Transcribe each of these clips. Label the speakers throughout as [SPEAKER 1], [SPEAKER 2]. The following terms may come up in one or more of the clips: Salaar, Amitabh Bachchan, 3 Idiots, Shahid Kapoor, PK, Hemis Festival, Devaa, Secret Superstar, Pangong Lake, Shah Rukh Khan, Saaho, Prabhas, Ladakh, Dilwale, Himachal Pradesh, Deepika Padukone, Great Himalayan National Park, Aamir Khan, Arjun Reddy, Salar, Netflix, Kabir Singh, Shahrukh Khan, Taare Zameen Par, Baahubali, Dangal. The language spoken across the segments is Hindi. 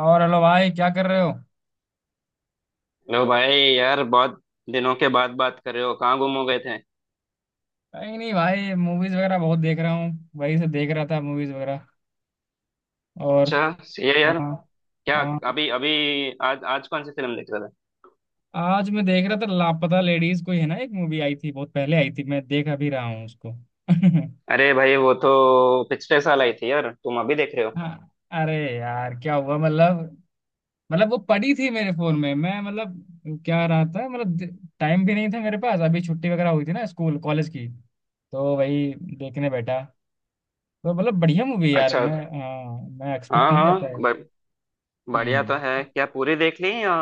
[SPEAKER 1] और हेलो भाई, क्या कर रहे हो?
[SPEAKER 2] लो भाई, यार बहुत दिनों के बाद बात कर रहे हो। कहाँ गुम हो गए थे।
[SPEAKER 1] कहीं नहीं भाई, मूवीज वगैरह बहुत देख रहा हूँ। वही से देख रहा था, मूवीज वगैरह। और
[SPEAKER 2] अच्छा। सही है यार।
[SPEAKER 1] हाँ।
[SPEAKER 2] क्या।
[SPEAKER 1] हाँ,
[SPEAKER 2] अभी अभी आज आज कौन सी फिल्म देख रहे थे।
[SPEAKER 1] आज मैं देख रहा था लापता लेडीज। कोई है ना, एक मूवी आई थी, बहुत पहले आई थी, मैं देख अभी रहा हूँ उसको।
[SPEAKER 2] अरे भाई, वो तो पिछले साल आई थी यार। तुम अभी देख रहे हो।
[SPEAKER 1] हाँ। अरे यार, क्या हुआ मतलब वो पड़ी थी मेरे फोन में, मैं मतलब क्या रहा था, मतलब टाइम भी नहीं था मेरे पास। अभी छुट्टी वगैरह हुई थी ना स्कूल कॉलेज की, तो वही देखने बैठा। तो मतलब बढ़िया मूवी यार,
[SPEAKER 2] अच्छा।
[SPEAKER 1] मैं हाँ मैं एक्सपेक्ट
[SPEAKER 2] हाँ
[SPEAKER 1] नहीं
[SPEAKER 2] हाँ,
[SPEAKER 1] करता है।
[SPEAKER 2] बढ़िया
[SPEAKER 1] हम्म।
[SPEAKER 2] तो है। क्या पूरी देख ली, या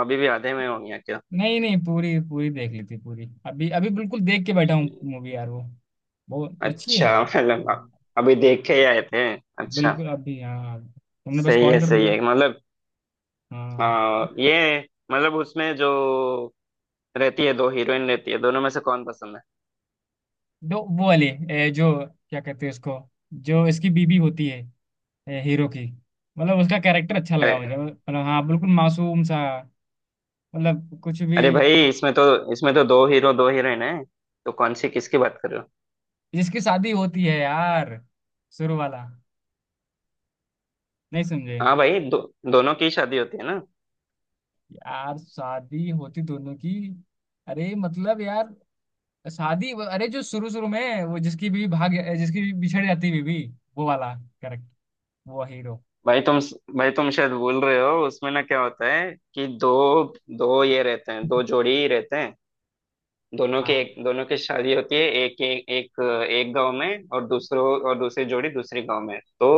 [SPEAKER 2] अभी भी आधे में होगी, या क्या।
[SPEAKER 1] नहीं नहीं, पूरी पूरी देख ली थी, पूरी अभी अभी बिल्कुल देख के बैठा हूँ मूवी यार। वो बहुत अच्छी है
[SPEAKER 2] अच्छा।
[SPEAKER 1] यार।
[SPEAKER 2] मतलब, अभी देख के ही आए थे। अच्छा।
[SPEAKER 1] बिल्कुल अभी, हाँ, तुमने बस
[SPEAKER 2] सही है,
[SPEAKER 1] कॉल कर
[SPEAKER 2] सही
[SPEAKER 1] दिया।
[SPEAKER 2] है। मतलब,
[SPEAKER 1] हाँ।
[SPEAKER 2] ये मतलब उसमें जो रहती है, दो हीरोइन रहती है, दोनों में से कौन पसंद
[SPEAKER 1] दो वो वाली जो क्या कहते हैं उसको, जो इसकी बीबी होती है, हीरो की। मतलब उसका कैरेक्टर अच्छा
[SPEAKER 2] है।
[SPEAKER 1] लगा मुझे, मतलब हाँ बिल्कुल मासूम सा, मतलब कुछ भी।
[SPEAKER 2] अरे भाई, इसमें तो दो हीरो, दो हीरोइन है। तो कौन सी, किसकी बात कर रहे हो।
[SPEAKER 1] जिसकी शादी होती है यार, शुरू वाला। नहीं समझे?
[SPEAKER 2] हाँ भाई, दोनों की शादी होती है ना।
[SPEAKER 1] यार शादी होती दोनों की। अरे मतलब यार, शादी अरे जो शुरू शुरू में वो जिसकी भी भाग, जिसकी भी बिछड़ जाती बीवी, वो वाला। करेक्ट, वो हीरो।
[SPEAKER 2] भाई तुम भाई तुम शायद भूल रहे हो। उसमें ना क्या होता है कि दो दो ये रहते हैं, दो जोड़ी ही रहते हैं। दोनों के
[SPEAKER 1] हाँ
[SPEAKER 2] एक, दोनों की शादी होती है। एक एक एक, एक गांव में, और दूसरों और दूसरी जोड़ी दूसरी गांव में। तो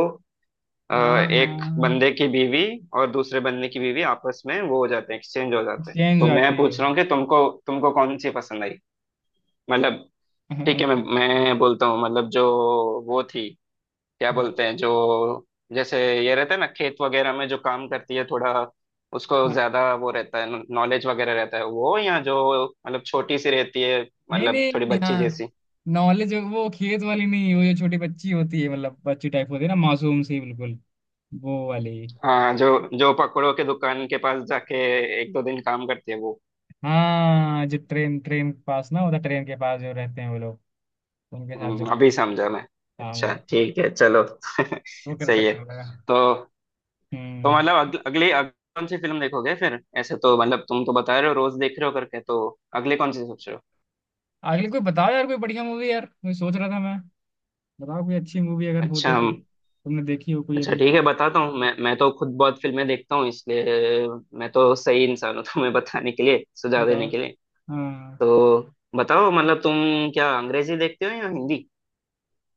[SPEAKER 1] हाँ
[SPEAKER 2] एक
[SPEAKER 1] हाँ,
[SPEAKER 2] बंदे की बीवी और दूसरे बंदे की बीवी आपस में वो हो जाते हैं, एक्सचेंज हो जाते हैं।
[SPEAKER 1] चेंज हो
[SPEAKER 2] तो मैं
[SPEAKER 1] जाती है,
[SPEAKER 2] पूछ रहा
[SPEAKER 1] हाँ।
[SPEAKER 2] हूँ कि तुमको तुमको कौन सी पसंद आई। मतलब ठीक है,
[SPEAKER 1] हाँ
[SPEAKER 2] मैं बोलता हूँ। मतलब जो, वो थी, क्या बोलते हैं, जो जैसे ये रहता है ना खेत वगैरह में जो काम करती है थोड़ा, उसको
[SPEAKER 1] हाँ।
[SPEAKER 2] ज्यादा वो रहता है, नॉलेज वगैरह रहता है वो, या जो मतलब छोटी सी रहती है,
[SPEAKER 1] नहीं
[SPEAKER 2] मतलब थोड़ी
[SPEAKER 1] नहीं,
[SPEAKER 2] बच्ची
[SPEAKER 1] हाँ।
[SPEAKER 2] जैसी।
[SPEAKER 1] नॉलेज वो खेत वाली नहीं, वो जो छोटी बच्ची होती है, मतलब बच्ची टाइप होती है ना, मासूम सी बिल्कुल, वो वाली।
[SPEAKER 2] हाँ, जो जो पकौड़ों के दुकान के पास जाके एक दो दिन काम करती है वो।
[SPEAKER 1] हाँ, जो ट्रेन ट्रेन के पास ना होता, ट्रेन के पास जो रहते हैं वो लोग, उनके साथ जो
[SPEAKER 2] अभी समझा मैं।
[SPEAKER 1] काम
[SPEAKER 2] अच्छा,
[SPEAKER 1] करते।
[SPEAKER 2] ठीक है, चलो।
[SPEAKER 1] वो करता
[SPEAKER 2] सही है।
[SPEAKER 1] अच्छा लगा।
[SPEAKER 2] तो तो
[SPEAKER 1] हम्म।
[SPEAKER 2] मतलब अगली अगली कौन सी फिल्म देखोगे फिर। ऐसे तो मतलब तुम तो बता रहे हो रोज देख रहे हो करके, तो अगले कौन सी सोच रहे हो।
[SPEAKER 1] आखिर कोई बताओ यार, कोई बढ़िया मूवी यार, मैं सोच रहा था, मैं बताओ, कोई अच्छी मूवी अगर हो
[SPEAKER 2] अच्छा,
[SPEAKER 1] तो, तुम तुमने देखी हो कोई
[SPEAKER 2] अच्छा
[SPEAKER 1] अभी,
[SPEAKER 2] ठीक है, बताता हूँ। मैं तो खुद बहुत फिल्में देखता हूँ, इसलिए मैं तो सही इंसान हूँ तुम्हें बताने के लिए, सुझाव देने
[SPEAKER 1] बताओ।
[SPEAKER 2] के लिए।
[SPEAKER 1] हाँ।
[SPEAKER 2] तो बताओ, मतलब तुम क्या अंग्रेजी देखते हो या हिंदी।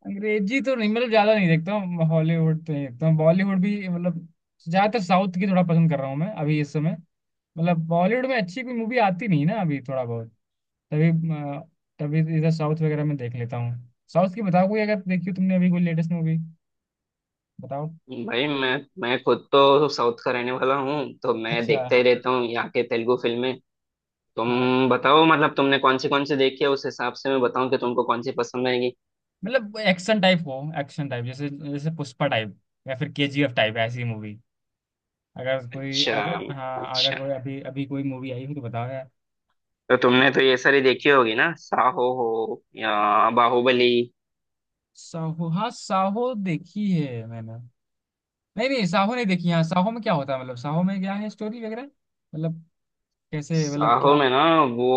[SPEAKER 1] अंग्रेजी तो नहीं मतलब, ज्यादा नहीं देखता हूँ, हॉलीवुड तो नहीं देखता हूँ, बॉलीवुड भी मतलब ज्यादातर साउथ की थोड़ा पसंद कर रहा हूँ मैं अभी इस समय। मतलब बॉलीवुड में अच्छी कोई मूवी आती नहीं ना अभी, थोड़ा बहुत, तभी अ, तभी इधर साउथ वगैरह में देख लेता हूँ। साउथ की बताओ कोई अगर देखी हो तुमने अभी, कोई लेटेस्ट मूवी बताओ।
[SPEAKER 2] भाई, मैं खुद तो साउथ का रहने वाला हूँ, तो मैं
[SPEAKER 1] अच्छा
[SPEAKER 2] देखता ही रहता हूँ यहाँ के तेलुगु फिल्में।
[SPEAKER 1] हाँ,
[SPEAKER 2] तुम बताओ, मतलब तुमने कौन सी देखी है, उस हिसाब से मैं बताऊँ कि तुमको कौन सी पसंद आएगी।
[SPEAKER 1] मतलब एक्शन टाइप हो, एक्शन टाइप जैसे जैसे पुष्पा टाइप या फिर केजीएफ टाइप ऐसी मूवी, अगर कोई,
[SPEAKER 2] अच्छा,
[SPEAKER 1] अगर हाँ अगर
[SPEAKER 2] अच्छा।
[SPEAKER 1] कोई अभी अभी कोई मूवी आई हो तो बताओ यार।
[SPEAKER 2] तो तुमने तो ये सारी देखी होगी ना, साहो हो या बाहुबली।
[SPEAKER 1] साहो, हाँ साहो देखी है मैंने। नहीं नहीं, साहो नहीं देखी। हाँ, साहो में क्या होता है, मतलब साहो में क्या है स्टोरी वगैरह, मतलब कैसे, मतलब
[SPEAKER 2] साहो
[SPEAKER 1] क्या।
[SPEAKER 2] में ना वो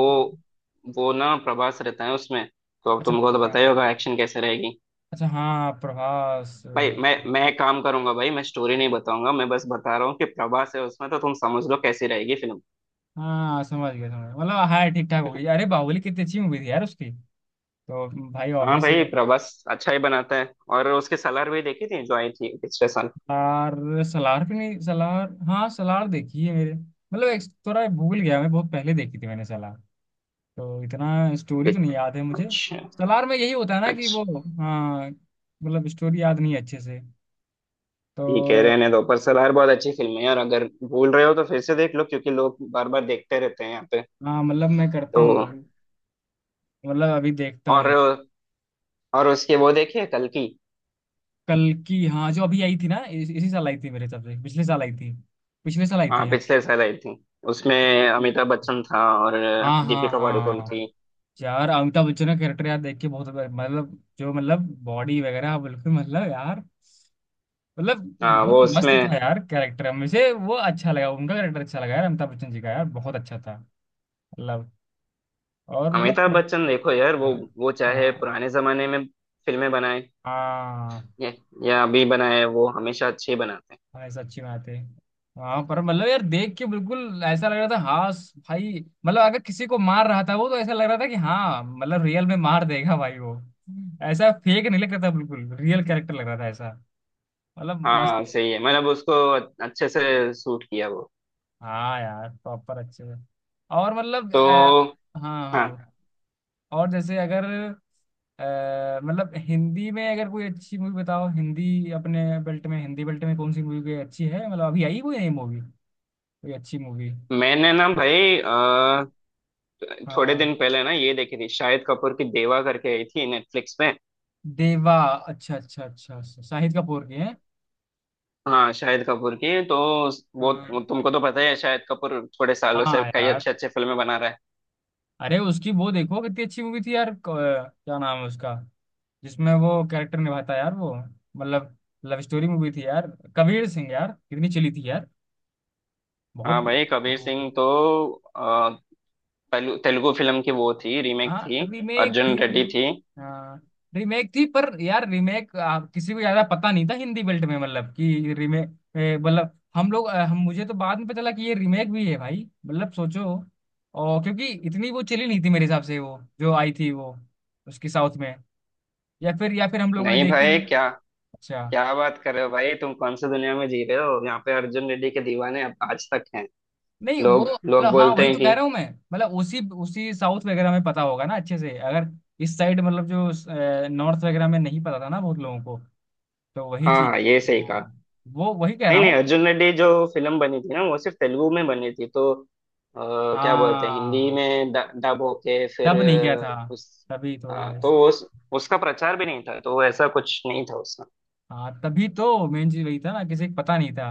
[SPEAKER 2] वो ना प्रभास रहता है उसमें, तो अब
[SPEAKER 1] अच्छा
[SPEAKER 2] तुमको तो पता ही होगा एक्शन कैसे रहेगी।
[SPEAKER 1] अच्छा, हाँ प्रभास।
[SPEAKER 2] भाई मैं एक काम करूंगा, भाई मैं स्टोरी नहीं बताऊंगा, मैं बस बता रहा हूँ कि प्रभास है उसमें, तो तुम समझ लो कैसी रहेगी फिल्म।
[SPEAKER 1] हाँ समझ गया समझ गया, मतलब हाँ ठीक ठाक हो गई। अरे बाहुबली कितनी अच्छी मूवी थी यार उसकी, तो भाई
[SPEAKER 2] हाँ
[SPEAKER 1] ऑब्वियस।
[SPEAKER 2] भाई, प्रभास अच्छा ही बनाता है, और उसके सलार भी देखी थी जो आई थी पिछले साल।
[SPEAKER 1] सलार। सलार भी नहीं, सलार हाँ, सलार देखी है मेरे, मतलब एक थोड़ा भूल गया मैं, बहुत पहले देखी थी मैंने सलार, तो इतना स्टोरी तो नहीं याद है मुझे।
[SPEAKER 2] अच्छा,
[SPEAKER 1] सलार में यही होता है ना कि
[SPEAKER 2] अच्छा,
[SPEAKER 1] वो, हाँ मतलब स्टोरी याद नहीं है अच्छे से,
[SPEAKER 2] ठीक है,
[SPEAKER 1] तो।
[SPEAKER 2] रहने दो। पर सलार बहुत अच्छी फिल्म है, और अगर भूल रहे हो तो फिर से देख लो, क्योंकि लोग बार बार देखते रहते हैं यहाँ पे।
[SPEAKER 1] हाँ मतलब मैं करता
[SPEAKER 2] तो
[SPEAKER 1] हूँ, मतलब अभी देखता हूँ।
[SPEAKER 2] और और उसके वो देखिए, कल की।
[SPEAKER 1] कल की, हाँ जो अभी आई थी ना, इसी साल आई थी मेरे हिसाब से, पिछले साल आई थी, पिछले साल आई
[SPEAKER 2] हाँ
[SPEAKER 1] थी हाँ।
[SPEAKER 2] पिछले साल आई थी, उसमें अमिताभ
[SPEAKER 1] हम्म।
[SPEAKER 2] बच्चन था और
[SPEAKER 1] हाँ हाँ
[SPEAKER 2] दीपिका पादुकोण
[SPEAKER 1] हाँ।
[SPEAKER 2] थी।
[SPEAKER 1] यार अमिताभ बच्चन का कैरेक्टर यार देख के बहुत, मतलब जो, मतलब बॉडी वगैरह, हाँ, बिल्कुल मतलब यार, मतलब
[SPEAKER 2] हाँ
[SPEAKER 1] बहुत
[SPEAKER 2] वो
[SPEAKER 1] मस्त
[SPEAKER 2] उसमें
[SPEAKER 1] था यार कैरेक्टर, मुझे वो अच्छा लगा, उनका कैरेक्टर अच्छा लगा यार अमिताभ बच्चन जी का यार बहुत अच्छा था, मतलब। और मतलब
[SPEAKER 2] अमिताभ बच्चन देखो यार, वो चाहे
[SPEAKER 1] हाँ
[SPEAKER 2] पुराने जमाने में फिल्में बनाए
[SPEAKER 1] हाँ।
[SPEAKER 2] या, या अभी बनाए, वो हमेशा अच्छे ही बनाते हैं।
[SPEAKER 1] भाई सच्ची बात है। हाँ पर मतलब यार देख के बिल्कुल ऐसा लग रहा था हाँ, भाई मतलब अगर किसी को मार रहा था वो, तो ऐसा लग रहा था कि हाँ मतलब रियल में मार देगा भाई वो। ऐसा फेक नहीं लग रहा था, बिल्कुल रियल कैरेक्टर लग रहा था ऐसा, मतलब मस्त।
[SPEAKER 2] हाँ सही है, मतलब उसको अच्छे से सूट किया वो
[SPEAKER 1] हाँ यार प्रॉपर अच्छे से। और
[SPEAKER 2] तो।
[SPEAKER 1] हाँ
[SPEAKER 2] हाँ,
[SPEAKER 1] हाँ। और जैसे अगर मतलब हिंदी में अगर कोई अच्छी मूवी बताओ, हिंदी अपने बेल्ट में, हिंदी बेल्ट में कौन सी मूवी कोई अच्छी है, मतलब अभी आई कोई नई मूवी, कोई अच्छी मूवी।
[SPEAKER 2] मैंने ना भाई थोड़े
[SPEAKER 1] हाँ।
[SPEAKER 2] दिन पहले ना ये देखी थी, शाहिद कपूर की देवा करके आई थी नेटफ्लिक्स में।
[SPEAKER 1] देवा, अच्छा अच्छा अच्छा अच्छा, शाहिद कपूर की है।
[SPEAKER 2] हाँ शाहिद कपूर की तो वो
[SPEAKER 1] हाँ
[SPEAKER 2] तुमको तो पता ही है, शाहिद कपूर थोड़े सालों से
[SPEAKER 1] हाँ
[SPEAKER 2] कई
[SPEAKER 1] यार,
[SPEAKER 2] अच्छे अच्छे फिल्में बना रहा है।
[SPEAKER 1] अरे उसकी वो देखो कितनी अच्छी मूवी थी यार क्या नाम है उसका, जिसमें वो कैरेक्टर निभाता है यार, वो मतलब लव स्टोरी मूवी थी यार, कबीर सिंह यार, कितनी चली थी यार, बहुत।
[SPEAKER 2] हाँ भाई, कबीर सिंह तो अ, तेलुगु फिल्म की वो थी, रीमेक
[SPEAKER 1] हाँ
[SPEAKER 2] थी,
[SPEAKER 1] रीमेक थी।
[SPEAKER 2] अर्जुन रेड्डी थी।
[SPEAKER 1] हाँ रीमेक थी पर यार, रीमेक किसी को ज्यादा पता नहीं था हिंदी बेल्ट में, मतलब कि रीमेक, मतलब हम लोग हम मुझे तो बाद में पता चला कि ये रीमेक भी है भाई, मतलब सोचो। और क्योंकि इतनी वो चली नहीं थी मेरे हिसाब से, वो जो आई थी वो, उसकी साउथ में, या फिर हम लोगों ने
[SPEAKER 2] नहीं
[SPEAKER 1] देखी
[SPEAKER 2] भाई,
[SPEAKER 1] नहीं।
[SPEAKER 2] क्या
[SPEAKER 1] अच्छा।
[SPEAKER 2] क्या बात कर रहे हो, भाई तुम कौन सी दुनिया में जी रहे हो। यहाँ पे अर्जुन रेड्डी के दीवाने अब आज तक हैं।
[SPEAKER 1] नहीं वो
[SPEAKER 2] लोग
[SPEAKER 1] मतलब
[SPEAKER 2] लोग
[SPEAKER 1] हाँ,
[SPEAKER 2] बोलते
[SPEAKER 1] वही
[SPEAKER 2] हैं
[SPEAKER 1] तो
[SPEAKER 2] कि
[SPEAKER 1] कह रहा हूँ मैं, मतलब उसी उसी साउथ वगैरह में पता होगा ना अच्छे से अगर, इस साइड मतलब जो नॉर्थ वगैरह में नहीं पता था ना बहुत लोगों को, तो वही
[SPEAKER 2] हाँ
[SPEAKER 1] चीज।
[SPEAKER 2] हाँ, ये सही
[SPEAKER 1] हाँ,
[SPEAKER 2] कहा।
[SPEAKER 1] वो वही कह
[SPEAKER 2] नहीं
[SPEAKER 1] रहा
[SPEAKER 2] नहीं,
[SPEAKER 1] हूँ।
[SPEAKER 2] अर्जुन रेड्डी जो फिल्म बनी थी ना, वो सिर्फ तेलुगु में बनी थी, तो क्या बोलते हैं, हिंदी
[SPEAKER 1] हाँ
[SPEAKER 2] में डब होके फिर
[SPEAKER 1] तब नहीं किया था,
[SPEAKER 2] उस,
[SPEAKER 1] तभी थोड़ा
[SPEAKER 2] हाँ, तो वो उसका प्रचार भी नहीं था, तो ऐसा कुछ नहीं था उसका।
[SPEAKER 1] हाँ, तभी तो मेन चीज वही था ना, किसी को पता नहीं था,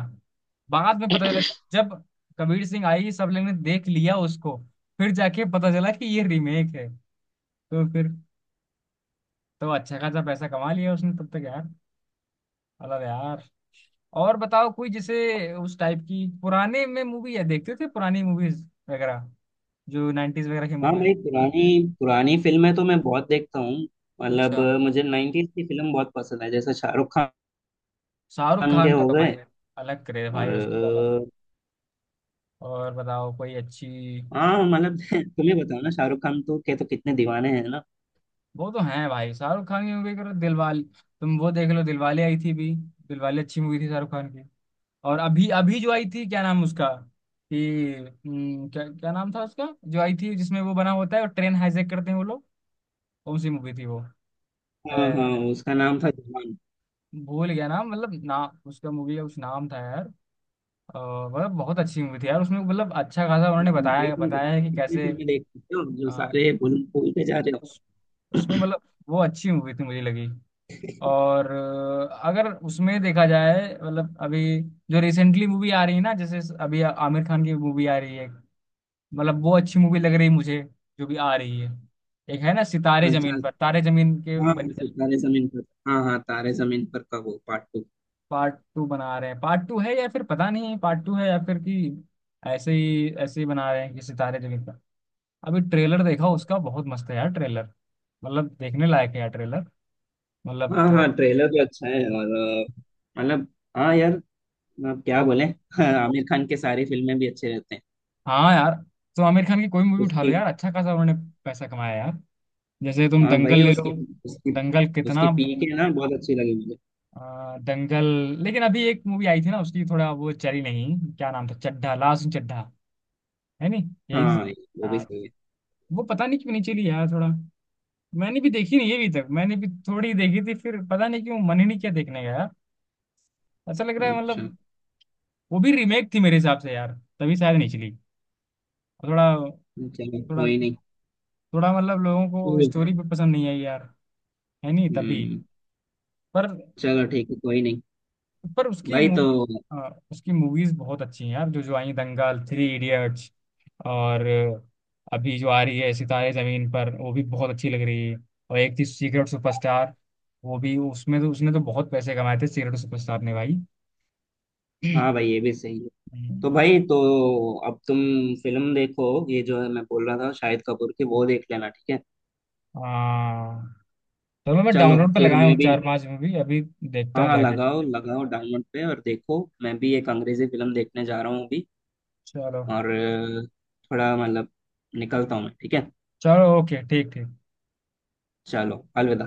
[SPEAKER 1] बाद में पता चला जब कबीर सिंह आई, सब लोगों ने देख लिया उसको, फिर जाके पता चला कि ये रीमेक है। तो फिर, तो अच्छा खासा पैसा कमा लिया उसने तब तक यार, अलग यार। और बताओ कोई जैसे उस टाइप की, पुराने में मूवी है देखते थे पुरानी मूवीज वगैरह, जो नाइन्टीज वगैरह की
[SPEAKER 2] हाँ
[SPEAKER 1] मूवी।
[SPEAKER 2] भाई, पुरानी पुरानी फिल्में तो मैं बहुत देखता हूँ। मतलब
[SPEAKER 1] अच्छा,
[SPEAKER 2] मुझे 90s की फिल्म बहुत पसंद है, जैसे शाहरुख
[SPEAKER 1] शाहरुख
[SPEAKER 2] खान के
[SPEAKER 1] खान का
[SPEAKER 2] हो
[SPEAKER 1] तो भाई
[SPEAKER 2] गए।
[SPEAKER 1] अलग क्रेज है
[SPEAKER 2] और
[SPEAKER 1] भाई, उसकी तो अलग। और बताओ कोई अच्छी।
[SPEAKER 2] हाँ मतलब, तुम्हें बताओ ना, शाहरुख खान तो के तो कितने दीवाने हैं ना।
[SPEAKER 1] वो तो है भाई, शाहरुख खान की मूवी करो दिलवाले, तुम वो देख लो, दिलवाले आई थी भी, दिलवाले अच्छी मूवी थी शाहरुख खान की। और अभी अभी जो आई थी क्या नाम उसका, कि क्या क्या नाम था उसका जो आई थी जिसमें वो बना होता है और ट्रेन हाईजैक करते हैं वो लोग, कौन सी मूवी थी वो।
[SPEAKER 2] हाँ हाँ,
[SPEAKER 1] अ,
[SPEAKER 2] उसका नाम था।
[SPEAKER 1] भूल गया नाम, मतलब नाम उसका मूवी का कुछ नाम था यार, अ, मतलब बहुत अच्छी मूवी थी यार उसमें, मतलब अच्छा खासा
[SPEAKER 2] भाई
[SPEAKER 1] उन्होंने
[SPEAKER 2] तुम
[SPEAKER 1] बताया बताया है कि
[SPEAKER 2] कितनी
[SPEAKER 1] कैसे
[SPEAKER 2] फिल्में देख सकते हो, जो
[SPEAKER 1] अ,
[SPEAKER 2] सारे भूल भूलते जा रहे हो।
[SPEAKER 1] उस, उसमें मतलब वो अच्छी मूवी थी मुझे लगी। और अगर उसमें देखा जाए मतलब, अभी जो रिसेंटली मूवी आ रही है ना, जैसे अभी आमिर खान की मूवी आ रही है, मतलब वो अच्छी मूवी लग रही है मुझे, जो भी आ रही है। एक है ना सितारे जमीन
[SPEAKER 2] अच्छा
[SPEAKER 1] पर, तारे जमीन के
[SPEAKER 2] हाँ,
[SPEAKER 1] बने
[SPEAKER 2] ऐसे तारे जमीन पर। हाँ हाँ, तारे जमीन पर का वो पार्ट टू।
[SPEAKER 1] पार्ट 2 बना रहे हैं, पार्ट 2 है या फिर पता नहीं, पार्ट 2 है या फिर कि ऐसे ही बना रहे हैं कि सितारे जमीन पर। अभी ट्रेलर देखा उसका बहुत मस्त है यार ट्रेलर, मतलब देखने लायक है यार ट्रेलर, मतलब
[SPEAKER 2] हाँ
[SPEAKER 1] तो,
[SPEAKER 2] हाँ, ट्रेलर भी अच्छा है। और मतलब, हाँ यार, अब क्या
[SPEAKER 1] बहुत।
[SPEAKER 2] बोले। आमिर खान के सारी फिल्में भी अच्छे रहते हैं।
[SPEAKER 1] हाँ यार, तो आमिर खान की कोई मूवी उठा लो
[SPEAKER 2] उसकी,
[SPEAKER 1] यार, अच्छा खासा उन्होंने पैसा कमाया यार। जैसे तुम
[SPEAKER 2] हाँ
[SPEAKER 1] दंगल
[SPEAKER 2] भाई,
[SPEAKER 1] ले
[SPEAKER 2] उसकी
[SPEAKER 1] लो,
[SPEAKER 2] उसकी,
[SPEAKER 1] दंगल
[SPEAKER 2] उसकी
[SPEAKER 1] कितना
[SPEAKER 2] पी के ना बहुत अच्छी लगी मुझे।
[SPEAKER 1] दंगल। लेकिन अभी एक मूवी आई थी ना उसकी, थोड़ा वो चली नहीं, क्या नाम था, चड्ढा, लास्ट चड्ढा, है नहीं, यही
[SPEAKER 2] हाँ, वो भी
[SPEAKER 1] अ,
[SPEAKER 2] सही है।
[SPEAKER 1] वो पता नहीं क्यों नहीं चली यार थोड़ा। मैंने भी देखी नहीं अभी तक, मैंने भी थोड़ी ही देखी थी फिर, पता नहीं क्यों मन ही नहीं किया देखने का यार। ऐसा लग रहा है
[SPEAKER 2] अच्छा,
[SPEAKER 1] मतलब वो भी रीमेक थी मेरे हिसाब से यार, तभी शायद नहीं चली थोड़ा
[SPEAKER 2] चलो
[SPEAKER 1] थोड़ा
[SPEAKER 2] कोई नहीं।
[SPEAKER 1] थोड़ा मतलब लोगों को स्टोरी भी पसंद नहीं आई यार, है नहीं तभी।
[SPEAKER 2] हम्म,
[SPEAKER 1] पर
[SPEAKER 2] चलो ठीक है, कोई नहीं।
[SPEAKER 1] पर उसकी
[SPEAKER 2] भाई तो,
[SPEAKER 1] मूवी, उसकी मूवीज बहुत अच्छी हैं यार, जो जो आई दंगल, 3 इडियट्स, और अभी जो आ रही है सितारे जमीन पर, वो भी बहुत अच्छी लग रही है। और एक थी सीक्रेट सुपरस्टार, वो भी उसमें तो उसने तो बहुत पैसे कमाए थे सीक्रेट सुपरस्टार ने भाई।
[SPEAKER 2] हाँ भाई, ये भी सही है। तो
[SPEAKER 1] हम्म।
[SPEAKER 2] भाई, तो अब तुम फिल्म देखो, ये जो है मैं बोल रहा था शाहिद कपूर की, वो देख लेना, ठीक है।
[SPEAKER 1] हाँ, चलो मैं
[SPEAKER 2] चलो,
[SPEAKER 1] डाउनलोड पे
[SPEAKER 2] फिर
[SPEAKER 1] लगाया
[SPEAKER 2] मैं
[SPEAKER 1] हूँ
[SPEAKER 2] भी।
[SPEAKER 1] 4-5 मूवी अभी, देखता
[SPEAKER 2] हाँ
[SPEAKER 1] हूँ
[SPEAKER 2] हाँ,
[SPEAKER 1] जाके।
[SPEAKER 2] लगाओ लगाओ डाउनलोड पे, और देखो, मैं भी एक अंग्रेजी फिल्म देखने जा रहा हूँ अभी।
[SPEAKER 1] चलो,
[SPEAKER 2] और थोड़ा मतलब निकलता हूँ मैं, ठीक है।
[SPEAKER 1] चलो ओके ठीक ठीक।
[SPEAKER 2] चलो, अलविदा।